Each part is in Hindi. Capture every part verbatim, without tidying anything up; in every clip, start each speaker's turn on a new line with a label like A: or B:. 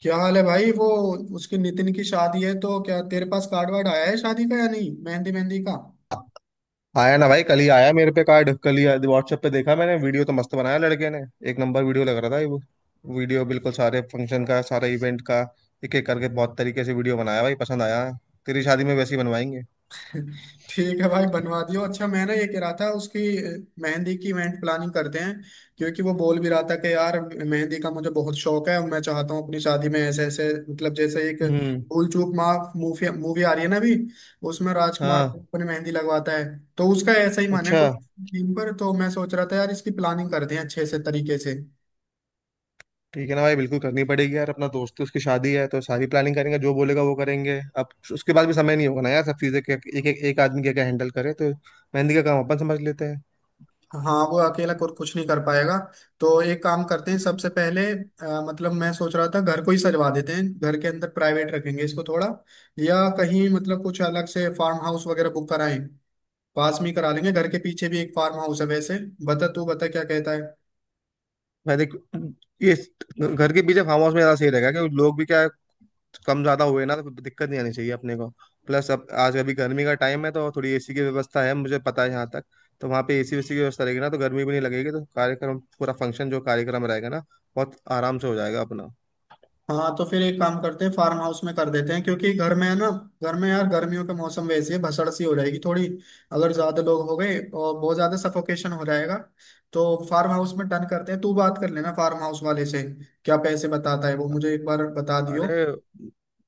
A: क्या हाल है भाई? वो उसकी नितिन की शादी है तो क्या तेरे पास कार्ड वार्ड आया है शादी का या नहीं, मेहंदी मेहंदी का?
B: आया ना भाई, कल ही आया मेरे पे कार्ड। कल ही व्हाट्सएप पे देखा मैंने। वीडियो तो मस्त बनाया लड़के ने। एक नंबर वीडियो लग रहा था ये वो। वीडियो बिल्कुल सारे फंक्शन का, सारे इवेंट का। एक एक करके बहुत तरीके से वीडियो बनाया भाई, पसंद आया। तेरी शादी में वैसे ही बनवाएंगे।
A: ठीक है भाई, बनवा दियो। अच्छा मैं ना ये कह रहा था उसकी अ, मेहंदी की इवेंट प्लानिंग करते हैं, क्योंकि वो बोल भी रहा था कि यार मेहंदी का मुझे बहुत शौक है और मैं चाहता हूँ अपनी शादी में ऐसे ऐसे मतलब जैसे एक
B: हम्म।
A: भूल चूक माफ मूवी मूवी आ रही है ना अभी, उसमें राजकुमार
B: हाँ।
A: अपनी मेहंदी लगवाता है तो उसका ऐसा ही मन है
B: अच्छा।
A: कुछ थीम पर। तो मैं सोच रहा था यार, इसकी प्लानिंग करते हैं अच्छे से तरीके से।
B: ठीक है ना भाई, बिल्कुल करनी पड़ेगी यार, अपना दोस्त है, उसकी शादी है तो सारी प्लानिंग करेंगे। जो बोलेगा वो करेंगे। अब उसके बाद भी समय नहीं होगा ना यार, सब चीजें के- एक एक एक आदमी क्या क्या हैंडल करे तो। मेहंदी का काम अपन समझ लेते हैं।
A: हाँ वो अकेला कुछ कुछ नहीं कर पाएगा। तो एक काम करते हैं, सबसे पहले अ, मतलब मैं सोच रहा था घर को ही सजवा देते हैं, घर के अंदर प्राइवेट रखेंगे इसको थोड़ा। या कहीं मतलब कुछ अलग से फार्म हाउस वगैरह बुक कराएं, पास में ही करा लेंगे। घर के पीछे भी एक फार्म हाउस है वैसे। बता, तू बता क्या कहता है।
B: मैं देख, ये घर के पीछे फार्म हाउस में ज्यादा सही रहेगा, क्योंकि लोग भी क्या है, कम ज्यादा हुए ना तो कोई दिक्कत नहीं आनी चाहिए अपने को। प्लस अब आज अभी गर्मी का टाइम है, तो थोड़ी एसी की व्यवस्था है मुझे पता है यहाँ तक। तो वहाँ पे एसी वेसी की व्यवस्था रहेगी ना, तो गर्मी भी नहीं लगेगी। तो कार्यक्रम पूरा फंक्शन जो कार्यक्रम रहेगा ना, बहुत आराम से हो जाएगा अपना।
A: हाँ तो फिर एक काम करते हैं, फार्म हाउस में कर देते हैं। क्योंकि घर में है ना, घर में यार गर्मियों के मौसम वैसे ही भसड़ सी हो जाएगी थोड़ी। अगर ज्यादा लोग हो गए और बहुत ज्यादा सफोकेशन हो जाएगा। तो फार्म हाउस में डन करते हैं, तू बात कर लेना फार्म हाउस वाले से। क्या पैसे बताता है वो, मुझे एक बार बता दियो।
B: अरे,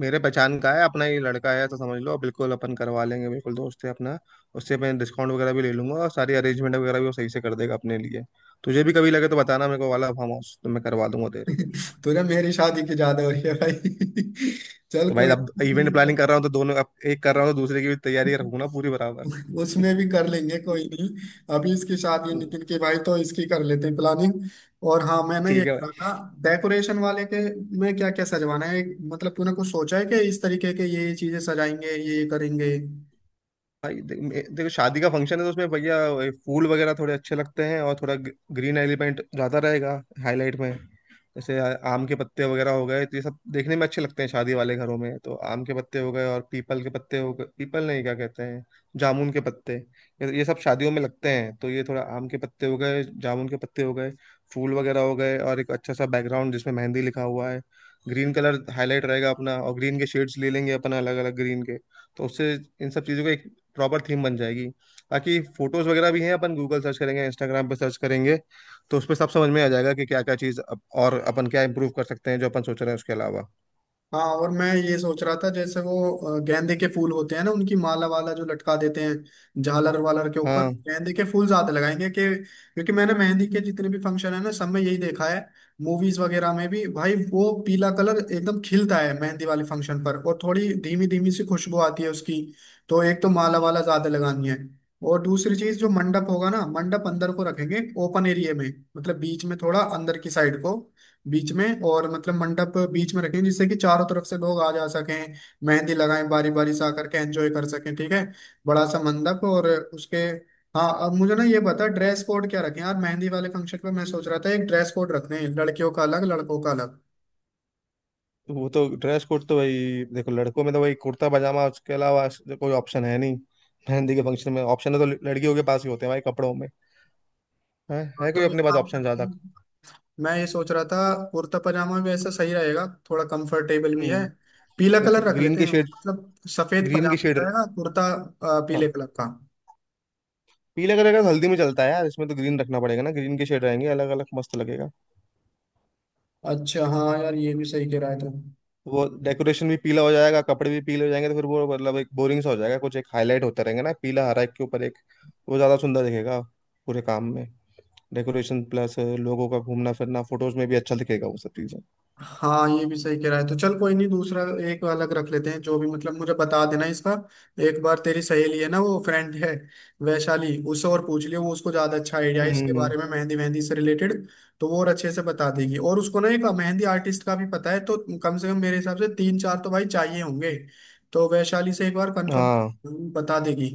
B: मेरे पहचान का है, अपना ही लड़का है तो समझ लो, बिल्कुल अपन करवा लेंगे, बिल्कुल दोस्त है अपना। उससे मैं डिस्काउंट वगैरह भी ले लूंगा, और सारी अरेंजमेंट वगैरह भी वो सही से कर देगा अपने लिए। तुझे भी कभी लगे तो बताना मेरे को, वाला फार्म हाउस तो मैं करवा दूंगा तेरे को।
A: तुझे मेरी शादी की ज्यादा हो रही है भाई। चल
B: तो भाई
A: कोई
B: अब इवेंट
A: नहीं,
B: प्लानिंग कर रहा हूँ, तो दोनों, अब एक कर रहा हूँ तो दूसरे की भी तैयारी रखूंगा ना पूरी बराबर।
A: उसमें भी कर लेंगे कोई नहीं। अभी इसकी शादी है
B: हम्म,
A: नितिन की भाई, तो इसकी कर लेते हैं प्लानिंग। और हाँ मैं ना ये
B: ठीक है
A: कह रहा
B: भाई।
A: था डेकोरेशन वाले के में क्या क्या सजवाना है। मतलब तूने कुछ सोचा है कि इस तरीके के ये ये चीजें सजाएंगे, ये ये करेंगे?
B: भाई, दे, मे- देखो शादी का फंक्शन है तो उसमें भैया वही फूल वगैरह थोड़े अच्छे लगते हैं, और थोड़ा ग- ग्रीन एलिमेंट ज्यादा रहेगा हाईलाइट में। जैसे आ- आम के पत्ते वगैरह हो गए, तो ये सब देखने में अच्छे लगते हैं शादी वाले घरों में। तो आम के पत्ते हो गए और पीपल के पत्ते हो गए, पीपल नहीं क्या कहते हैं, जामुन के पत्ते। ये ये सब शादियों में लगते हैं, तो ये थोड़ा आम के पत्ते हो गए, जामुन के पत्ते हो गए, फूल वगैरह हो गए। और एक अच्छा सा बैकग्राउंड जिसमें मेहंदी लिखा हुआ है। ग्रीन कलर हाईलाइट रहेगा अपना, और ग्रीन के शेड्स ले लेंगे अपना, अलग अलग ग्रीन के। तो उससे इन सब चीज़ों का एक प्रॉपर थीम बन जाएगी। बाकी फोटोज वगैरह भी हैं, अपन गूगल सर्च करेंगे, इंस्टाग्राम पे सर्च करेंगे। तो उस पर सब समझ में आ जाएगा कि क्या क्या चीज़ अप- और अपन क्या इम्प्रूव कर सकते हैं, जो अपन सोच रहे हैं उसके अलावा।
A: हाँ और मैं ये सोच रहा था जैसे वो अ, गेंदे के फूल होते हैं ना, उनकी माला वाला जो लटका देते हैं झालर वालर के ऊपर,
B: हाँ,
A: गेंदे के फूल ज्यादा लगाएंगे कि, क्योंकि मैंने मेहंदी के जितने भी फंक्शन है ना सब में यही देखा है। मूवीज वगैरह में भी भाई वो पीला कलर एकदम खिलता है मेहंदी वाले फंक्शन पर, और थोड़ी धीमी धीमी सी खुशबू आती है उसकी। तो एक तो माला वाला ज्यादा लगानी है। और दूसरी चीज जो मंडप होगा ना, मंडप अंदर को रखेंगे ओपन एरिया में। मतलब बीच में थोड़ा अंदर की साइड को, बीच में। और मतलब मंडप बीच में रखें, जिससे कि चारों तरफ से लोग आ जा सकें, मेहंदी लगाएं बारी बारी से आकर के, एंजॉय कर सकें ठीक है। बड़ा सा मंडप। और उसके, हाँ अब मुझे ना ये बता ड्रेस कोड क्या रखें यार मेहंदी वाले फंक्शन पे। मैं सोच रहा था एक ड्रेस कोड रखते हैं, लड़कियों का अलग, लड़कों का अलग।
B: तो वो तो ड्रेस कोड तो भाई देखो, लड़कों में तो भाई कुर्ता पजामा, उसके अलावा ऐसे कोई ऑप्शन है नहीं। मेहंदी के फंक्शन में ऑप्शन है तो ल- लड़कियों के पास ही होते हैं भाई कपड़ों में। है,
A: हाँ,
B: है कोई
A: तो एक
B: अपने पास
A: काम
B: ऑप्शन
A: करते
B: ज्यादा।
A: हैं, मैं ये सोच रहा था कुर्ता पजामा भी ऐसा सही रहेगा, थोड़ा कंफर्टेबल भी
B: हम्म,
A: है। पीला
B: वही तो
A: कलर रख
B: ग्रीन
A: लेते
B: के
A: हैं,
B: शेड,
A: मतलब सफेद
B: ग्रीन के
A: पजामा
B: शेड।
A: रहेगा, कुर्ता अ, पीले
B: हाँ,
A: कलर का।
B: पीले कलर का तो हल्दी में चलता है यार, इसमें तो ग्रीन रखना पड़ेगा ना, ग्रीन के शेड रहेंगे अलग अलग, मस्त लगेगा।
A: अच्छा हाँ यार, ये भी सही कह रहा है तुम।
B: वो डेकोरेशन भी पीला हो जाएगा, कपड़े भी पीले हो जाएंगे, तो फिर वो मतलब एक बोरिंग सा हो जाएगा। कुछ एक हाईलाइट होता रहेंगे ना, पीला हरा, एक के ऊपर एक, वो ज्यादा सुंदर दिखेगा पूरे काम में, डेकोरेशन प्लस लोगों का घूमना फिरना, फोटोज में भी अच्छा दिखेगा वो सब चीजें।
A: हाँ ये भी सही कह रहा है। तो चल कोई नहीं, दूसरा एक अलग रख लेते हैं, जो भी मतलब मुझे बता देना इसका। एक बार तेरी सहेली है ना वो फ्रेंड है वैशाली, उससे और पूछ लियो। वो उसको ज्यादा अच्छा आइडिया है इसके
B: हम्म।
A: बारे में, मेहंदी मेहंदी से रिलेटेड। तो वो और अच्छे से बता देगी, और उसको ना एक मेहंदी आर्टिस्ट का भी पता है। तो कम से कम मेरे हिसाब से तीन चार तो भाई चाहिए होंगे। तो वैशाली से एक बार
B: हाँ,
A: कंफर्म बता देगी।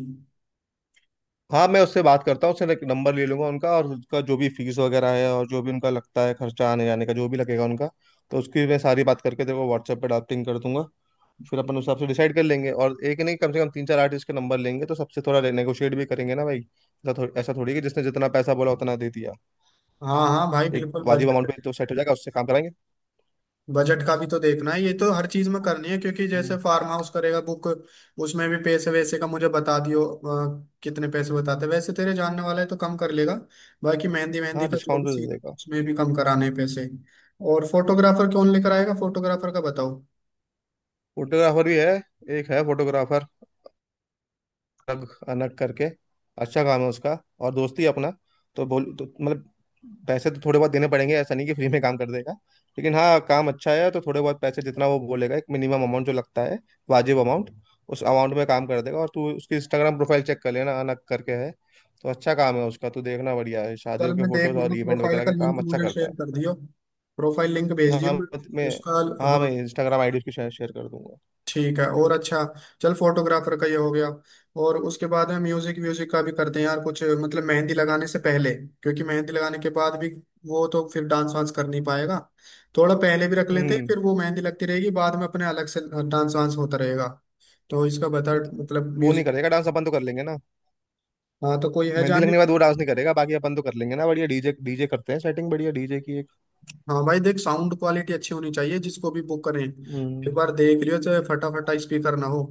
B: हाँ, मैं उससे बात करता हूँ, उससे नंबर ले लूंगा उनका, और उसका जो भी फीस वगैरह है, और जो भी उनका लगता है खर्चा आने जाने का जो भी लगेगा उनका। तो उसकी मैं सारी बात करके तेरे को व्हाट्सएप पे ड्राफ्टिंग कर दूंगा। फिर अपन उस हिसाब से डिसाइड कर लेंगे, और एक नहीं, कम से कम तीन चार आर्टिस्ट के नंबर लेंगे, तो सबसे थोड़ा नेगोशिएट भी करेंगे ना भाई, ऐसा थोड़ी ऐसा थोड़ी कि जिसने जितना पैसा बोला उतना दे दिया।
A: हाँ हाँ भाई
B: एक
A: बिल्कुल।
B: वाजिब अमाउंट
A: बजट,
B: पे तो सेट हो जाएगा, उससे काम कराएंगे।
A: बजट का भी तो देखना है, ये तो हर चीज में करनी है, क्योंकि जैसे
B: हम्म।
A: फार्म हाउस करेगा बुक, उसमें भी पैसे वैसे का मुझे बता दियो। अ, कितने पैसे बताते वैसे, तेरे जानने वाला है तो कम कर लेगा। बाकी मेहंदी मेहंदी
B: हाँ,
A: का जो
B: डिस्काउंट
A: भी
B: तो दे
A: सीन,
B: देगा।
A: उसमें भी कम कराने हैं पैसे। और फोटोग्राफर कौन लेकर आएगा, फोटोग्राफर का बताओ।
B: फोटोग्राफर भी है, एक है फोटोग्राफर, अलग अलग करके अच्छा काम है उसका, और दोस्ती अपना। तो बोल तो, मतलब पैसे तो थोड़े बहुत देने पड़ेंगे, ऐसा नहीं कि फ्री में काम कर देगा। लेकिन हाँ, काम अच्छा है तो थोड़े बहुत पैसे जितना वो बोलेगा, एक मिनिमम अमाउंट जो लगता है, वाजिब अमाउंट, उस अमाउंट में काम कर देगा। और तू उसकी इंस्टाग्राम प्रोफाइल चेक कर लेना, अनक करके है, तो अच्छा काम है उसका। तू देखना, बढ़िया है,
A: कल
B: शादियों के
A: मैं देख
B: फोटोज और
A: लूंगा,
B: इवेंट
A: प्रोफाइल
B: वगैरह
A: का
B: का
A: लिंक
B: काम अच्छा
A: मुझे
B: करता
A: शेयर
B: है।
A: कर दियो। प्रोफाइल लिंक भेज दियो।
B: हाँ,
A: मैं
B: मैं
A: उसका,
B: मैं- हाँ
A: हाँ
B: मैं इंस्टाग्राम आईडी उसकी शेयर शेयर कर दूंगा।
A: ठीक है। और अच्छा चल, फोटोग्राफर का ये हो गया। और उसके बाद में म्यूजिक व्यूजिक का भी करते हैं यार कुछ, मतलब मेहंदी लगाने से पहले, क्योंकि मेहंदी लगाने के बाद भी वो तो फिर डांस वांस कर नहीं पाएगा। थोड़ा पहले भी रख लेते हैं,
B: हम्म।
A: फिर वो मेहंदी लगती रहेगी बाद में, अपने अलग से डांस वांस होता रहेगा। तो इसका बता,
B: तो
A: मतलब
B: वो नहीं
A: म्यूजिक।
B: करेगा डांस, अपन तो कर लेंगे ना।
A: हाँ तो कोई है
B: मेहंदी
A: जाने।
B: लगने के बाद वो डांस नहीं करेगा, बाकी अपन तो कर लेंगे ना, बढ़िया डीजे, डीजे करते हैं सेटिंग बढ़िया डीजे की एक।
A: हाँ भाई देख, साउंड क्वालिटी अच्छी होनी चाहिए, जिसको भी बुक करें एक
B: हम्म,
A: बार देख लियो, चाहे फटाफटा स्पीकर ना हो।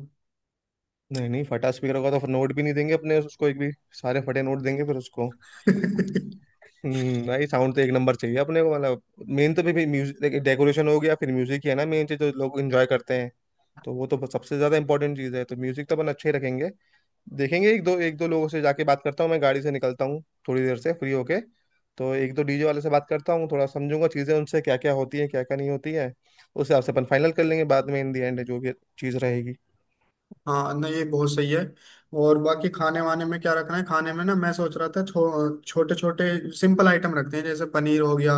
B: नहीं, नहीं, फटा स्पीकर होगा तो फिर नोट भी नहीं देंगे अपने उसको एक भी, सारे फटे नोट देंगे फिर उसको। हम्म, भाई साउंड तो एक नंबर चाहिए अपने को, मतलब। मेन तो भी म्यूजिक, डेकोरेशन हो गया, फिर म्यूजिक ही है ना मेन चीज जो लोग एंजॉय करते हैं। तो वो तो सबसे ज्यादा इंपॉर्टेंट चीज है, तो म्यूजिक तो अपन अच्छे ही रखेंगे। देखेंगे, एक दो एक दो लोगों से जाके बात करता हूँ, मैं गाड़ी से निकलता हूँ थोड़ी देर से फ्री होके। तो एक दो डीजे वाले से बात करता हूँ, थोड़ा समझूंगा चीज़ें उनसे, क्या क्या होती है, क्या क्या नहीं होती है। उस हिसाब से अपन फाइनल कर लेंगे बाद में, इन दी एंड जो भी चीज़ रहेगी।
A: हाँ नहीं ये बहुत सही है। और बाकी खाने वाने में क्या रखना है, खाने में ना मैं सोच रहा था छो, छोटे छोटे सिंपल आइटम रखते हैं, जैसे पनीर हो गया,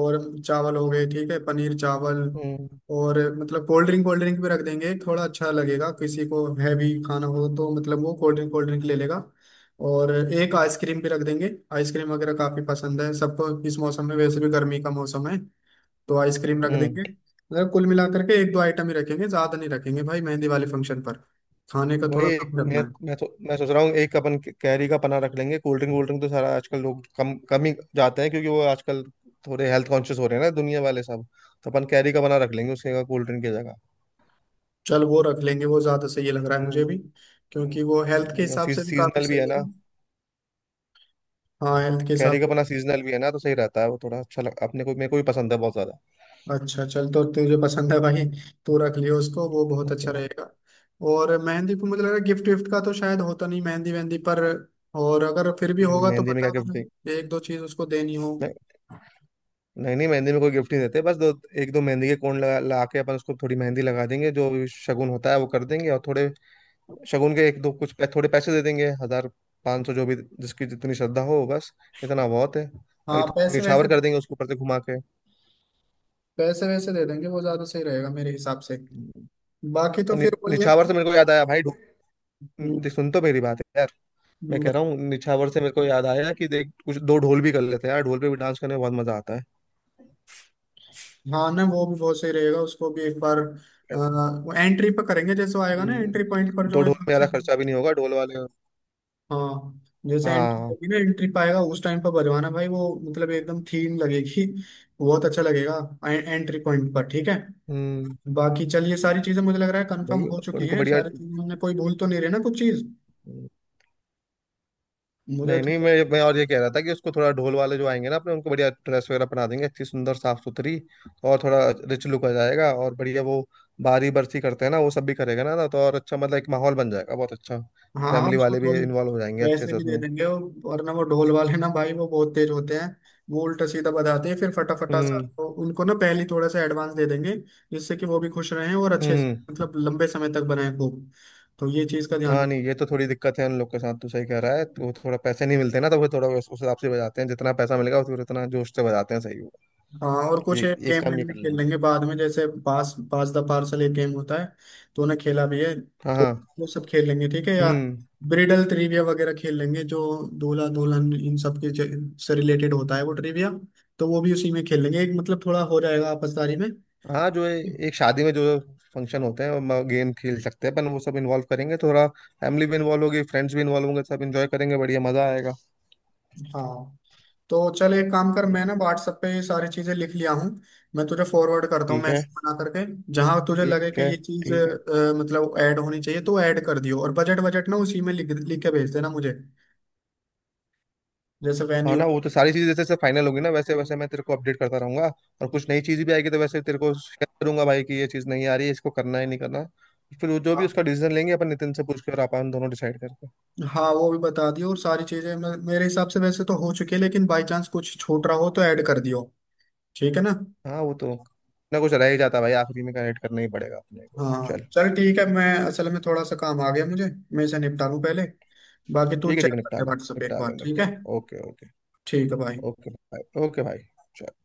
A: और चावल हो गए, ठीक है पनीर चावल।
B: हम्म
A: और मतलब कोल्ड ड्रिंक कोल्ड ड्रिंक भी रख देंगे, थोड़ा अच्छा लगेगा, किसी को हैवी खाना हो तो मतलब वो कोल्ड ड्रिंक कोल्ड ड्रिंक ले लेगा। और एक आइसक्रीम भी रख देंगे, आइसक्रीम वगैरह काफी पसंद है सबको, इस मौसम में वैसे भी गर्मी का मौसम है, तो आइसक्रीम रख
B: हम्म
A: देंगे। मतलब कुल मिलाकर के एक दो आइटम ही रखेंगे, ज्यादा नहीं रखेंगे भाई मेहंदी वाले फंक्शन पर। खाने का
B: वही
A: थोड़ा
B: एक
A: कम रखना
B: मैं
A: है।
B: मैं, सो, मैं सोच रहा हूँ एक अपन कैरी का पना रख लेंगे, कोल्ड ड्रिंक वोल्ड ड्रिंक तो सारा आजकल लोग कम कम ही जाते हैं, क्योंकि वो आजकल थोड़े हेल्थ कॉन्शियस हो रहे हैं ना दुनिया वाले सब। तो अपन कैरी का पना रख लेंगे उसके जगह, कोल्ड ड्रिंक की जगह।
A: चल वो रख लेंगे, वो ज्यादा सही लग रहा है
B: हम्म।
A: मुझे भी।
B: हम्म,
A: क्योंकि वो हेल्थ के
B: वही, और
A: हिसाब से भी काफी
B: सीजनल भी है
A: सही है
B: ना।
A: ना। हाँ हेल्थ के हिसाब
B: कैरी का
A: से।
B: अपना सीजनल भी है ना, तो सही रहता है वो, थोड़ा अच्छा लग अपने को, मेरे को भी पसंद है बहुत ज्यादा।
A: अच्छा चल, तो तुझे पसंद है भाई,
B: हम्म।
A: तू रख लियो उसको, वो बहुत अच्छा
B: अपने-
A: रहेगा। और मेहंदी को मुझे लग रहा है गिफ्ट विफ्ट का तो शायद होता नहीं मेहंदी वहंदी पर। और अगर फिर भी
B: मैंने
A: होगा तो
B: मेहंदी में क्या
A: बता
B: गिफ्ट दी?
A: दो, एक दो चीज उसको देनी हो।
B: नहीं। नहीं, नहीं, मेहंदी में कोई गिफ्ट नहीं देते, बस, दो एक दो मेहंदी के कोण लगा ला के अपन उसको थोड़ी मेहंदी लगा देंगे, जो भी शगुन होता है वो कर देंगे, और थोड़े शगुन के एक दो कुछ पै- थोड़े पैसे दे देंगे, हजार, पाँच सौ, जो भी, जिसकी जितनी श्रद्धा हो बस, इतना बहुत है। बाकी
A: हाँ
B: थोड़ा
A: पैसे वैसे
B: निछावर
A: दे-
B: कर देंगे उसके ऊपर से घुमा के।
A: पैसे वैसे दे देंगे, वो ज्यादा सही रहेगा मेरे हिसाब से। बाकी तो
B: और नि,
A: फिर वही है।
B: निछावर से मेरे को याद आया भाई, ढू- देख सुन तो मेरी बात। मैं
A: हम्म।
B: कह रहा हूँ, निछावर से मेरे को याद आया कि देख, कुछ दो ढोल भी कर लेते हैं यार, ढोल पे भी डांस करने में बहुत मजा आता है।
A: हाँ ना, वो भी बहुत सही रहेगा। उसको भी एक बार
B: कहता हूँ।
A: अ, वो एंट्री पर करेंगे, जैसे वो आएगा ना एंट्री पॉइंट पर,
B: हम्म, दो
A: जो
B: ढोल में
A: एकदम से।
B: ज्यादा खर्चा भी नहीं होगा, ढोल वाले।
A: हाँ, जैसे एंट्री
B: हाँ।
A: होगी ना, एंट्री पाएगा उस टाइम पर बजवाना भाई वो, मतलब एकदम थीम लगेगी, बहुत अच्छा लगेगा। एंट्री पॉइंट पर ठीक है।
B: हम्म,
A: बाकी चलिए सारी चीजें मुझे लग रहा है कंफर्म
B: भाई
A: हो चुकी
B: उनको
A: हैं
B: बढ़िया।
A: सारी चीजें, हमने कोई भूल तो नहीं रही ना कुछ चीज? मुझे
B: नहीं, नहीं,
A: तो।
B: मैं मैं और ये कह रहा था कि उसको थोड़ा ढोल वाले जो आएंगे ना अपने उनको बढ़िया ड्रेस वगैरह पहना देंगे, अच्छी सुंदर साफ सुथरी। और थोड़ा रिच लुक आ जाएगा, और बढ़िया वो बारी बरसी करते हैं ना, वो सब भी करेगा ना, तो और अच्छा, मतलब एक माहौल बन जाएगा बहुत अच्छा।
A: हाँ
B: फैमिली
A: उसको
B: वाले भी
A: थोड़ी
B: इन्वॉल्व हो जाएंगे अच्छे
A: पैसे
B: से
A: भी दे
B: उसमें।
A: देंगे, और वरना वो ढोल वाले ना भाई वो बहुत तेज होते हैं। वो उल्टा सीधा बताते हैं फिर फटाफटा सा,
B: हम्म।
A: तो उनको ना पहले ही थोड़ा सा एडवांस दे देंगे, जिससे कि वो भी खुश रहें और अच्छे से
B: हम्म।
A: मतलब लंबे समय तक बनाए खूब। तो ये चीज का ध्यान।
B: हाँ, नहीं, ये तो थोड़ी दिक्कत है उन लोग के साथ, तू सही कह रहा है, तो थोड़ा पैसे नहीं मिलते ना, तो वो थोड़ा उस उस हिसाब से बजाते हैं, जितना पैसा मिलेगा फिर उतना जोश से बजाते हैं सही वो।
A: हाँ और
B: ये,
A: कुछ एक
B: एक
A: गेम
B: काम ये
A: वेम भी
B: कर
A: खेल
B: लेंगे।
A: लेंगे बाद में, जैसे पास पास द पार्सल एक गेम होता है, तो उन्हें खेला भी है,
B: हाँ,
A: तो
B: हाँ।
A: वो सब खेल लेंगे ठीक है। या
B: हम्म।
A: ब्रिडल ट्रिविया वगैरह खेल लेंगे जो दूल्हा दुल्हन इन सब के ज- से रिलेटेड होता है, वो ट्रिविया, तो वो भी उसी में खेल लेंगे। एक मतलब थोड़ा हो जाएगा आपसदारी में।
B: हाँ, जो ए- एक शादी में जो फंक्शन होते हैं वो गेम खेल सकते हैं अपन, वो सब इन्वॉल्व करेंगे थोड़ा। फैमिली भी इन्वॉल्व होगी, फ्रेंड्स भी इन्वॉल्व होंगे, सब इन्जॉय करेंगे, बढ़िया मजा आएगा।
A: हाँ तो चल एक काम कर, मैं
B: हम्म,
A: ना व्हाट्सएप पे ये सारी चीजें लिख लिया हूँ, मैं तुझे फॉरवर्ड करता हूँ
B: ठीक है,
A: मैसेज बना करके। जहां तुझे
B: ठीक
A: लगे कि
B: है,
A: ये चीज
B: ठीक है।
A: अ, मतलब ऐड होनी चाहिए तो ऐड कर दियो, और बजट बजट ना उसी में लिख लिख के भेज देना मुझे। जैसे
B: हाँ
A: वेन्यू,
B: ना, वो तो सारी चीजें जैसे जैसे फाइनल होगी ना वैसे वैसे मैं तेरे को अपडेट करता रहूंगा। और कुछ नई चीज भी आएगी तो वैसे तेरे को शेयर करूंगा भाई कि ये चीज नहीं आ रही है, इसको करना है नहीं करना। फिर वो जो भी
A: हाँ।
B: उसका डिसीजन लेंगे अपन, नितिन से पूछ के, और अपन दोनों डिसाइड करके।
A: हाँ, वो भी बता दियो। और सारी चीजें मे- मेरे हिसाब से वैसे तो हो चुकी है, लेकिन बाई चांस कुछ छूट रहा हो तो ऐड कर दियो, ठीक है ना।
B: हाँ, वो तो ना कुछ रह ही जाता भाई, आखिरी में कनेक्ट करना ही पड़ेगा अपने को। चल।
A: हाँ चल ठीक है, मैं असल में थोड़ा सा काम आ गया मुझे, मैं इसे निपटा लूँ पहले। बाकी तू
B: ठीक है,
A: चेक
B: ठीक है,
A: कर
B: निपटा
A: ले
B: ले,
A: व्हाट्सएप एक
B: निपटा
A: बार,
B: ले,
A: ठीक
B: निपटा
A: है
B: ले। Okay, okay.
A: ठीक है भाई।
B: ओके भाई, ओके भाई। चल।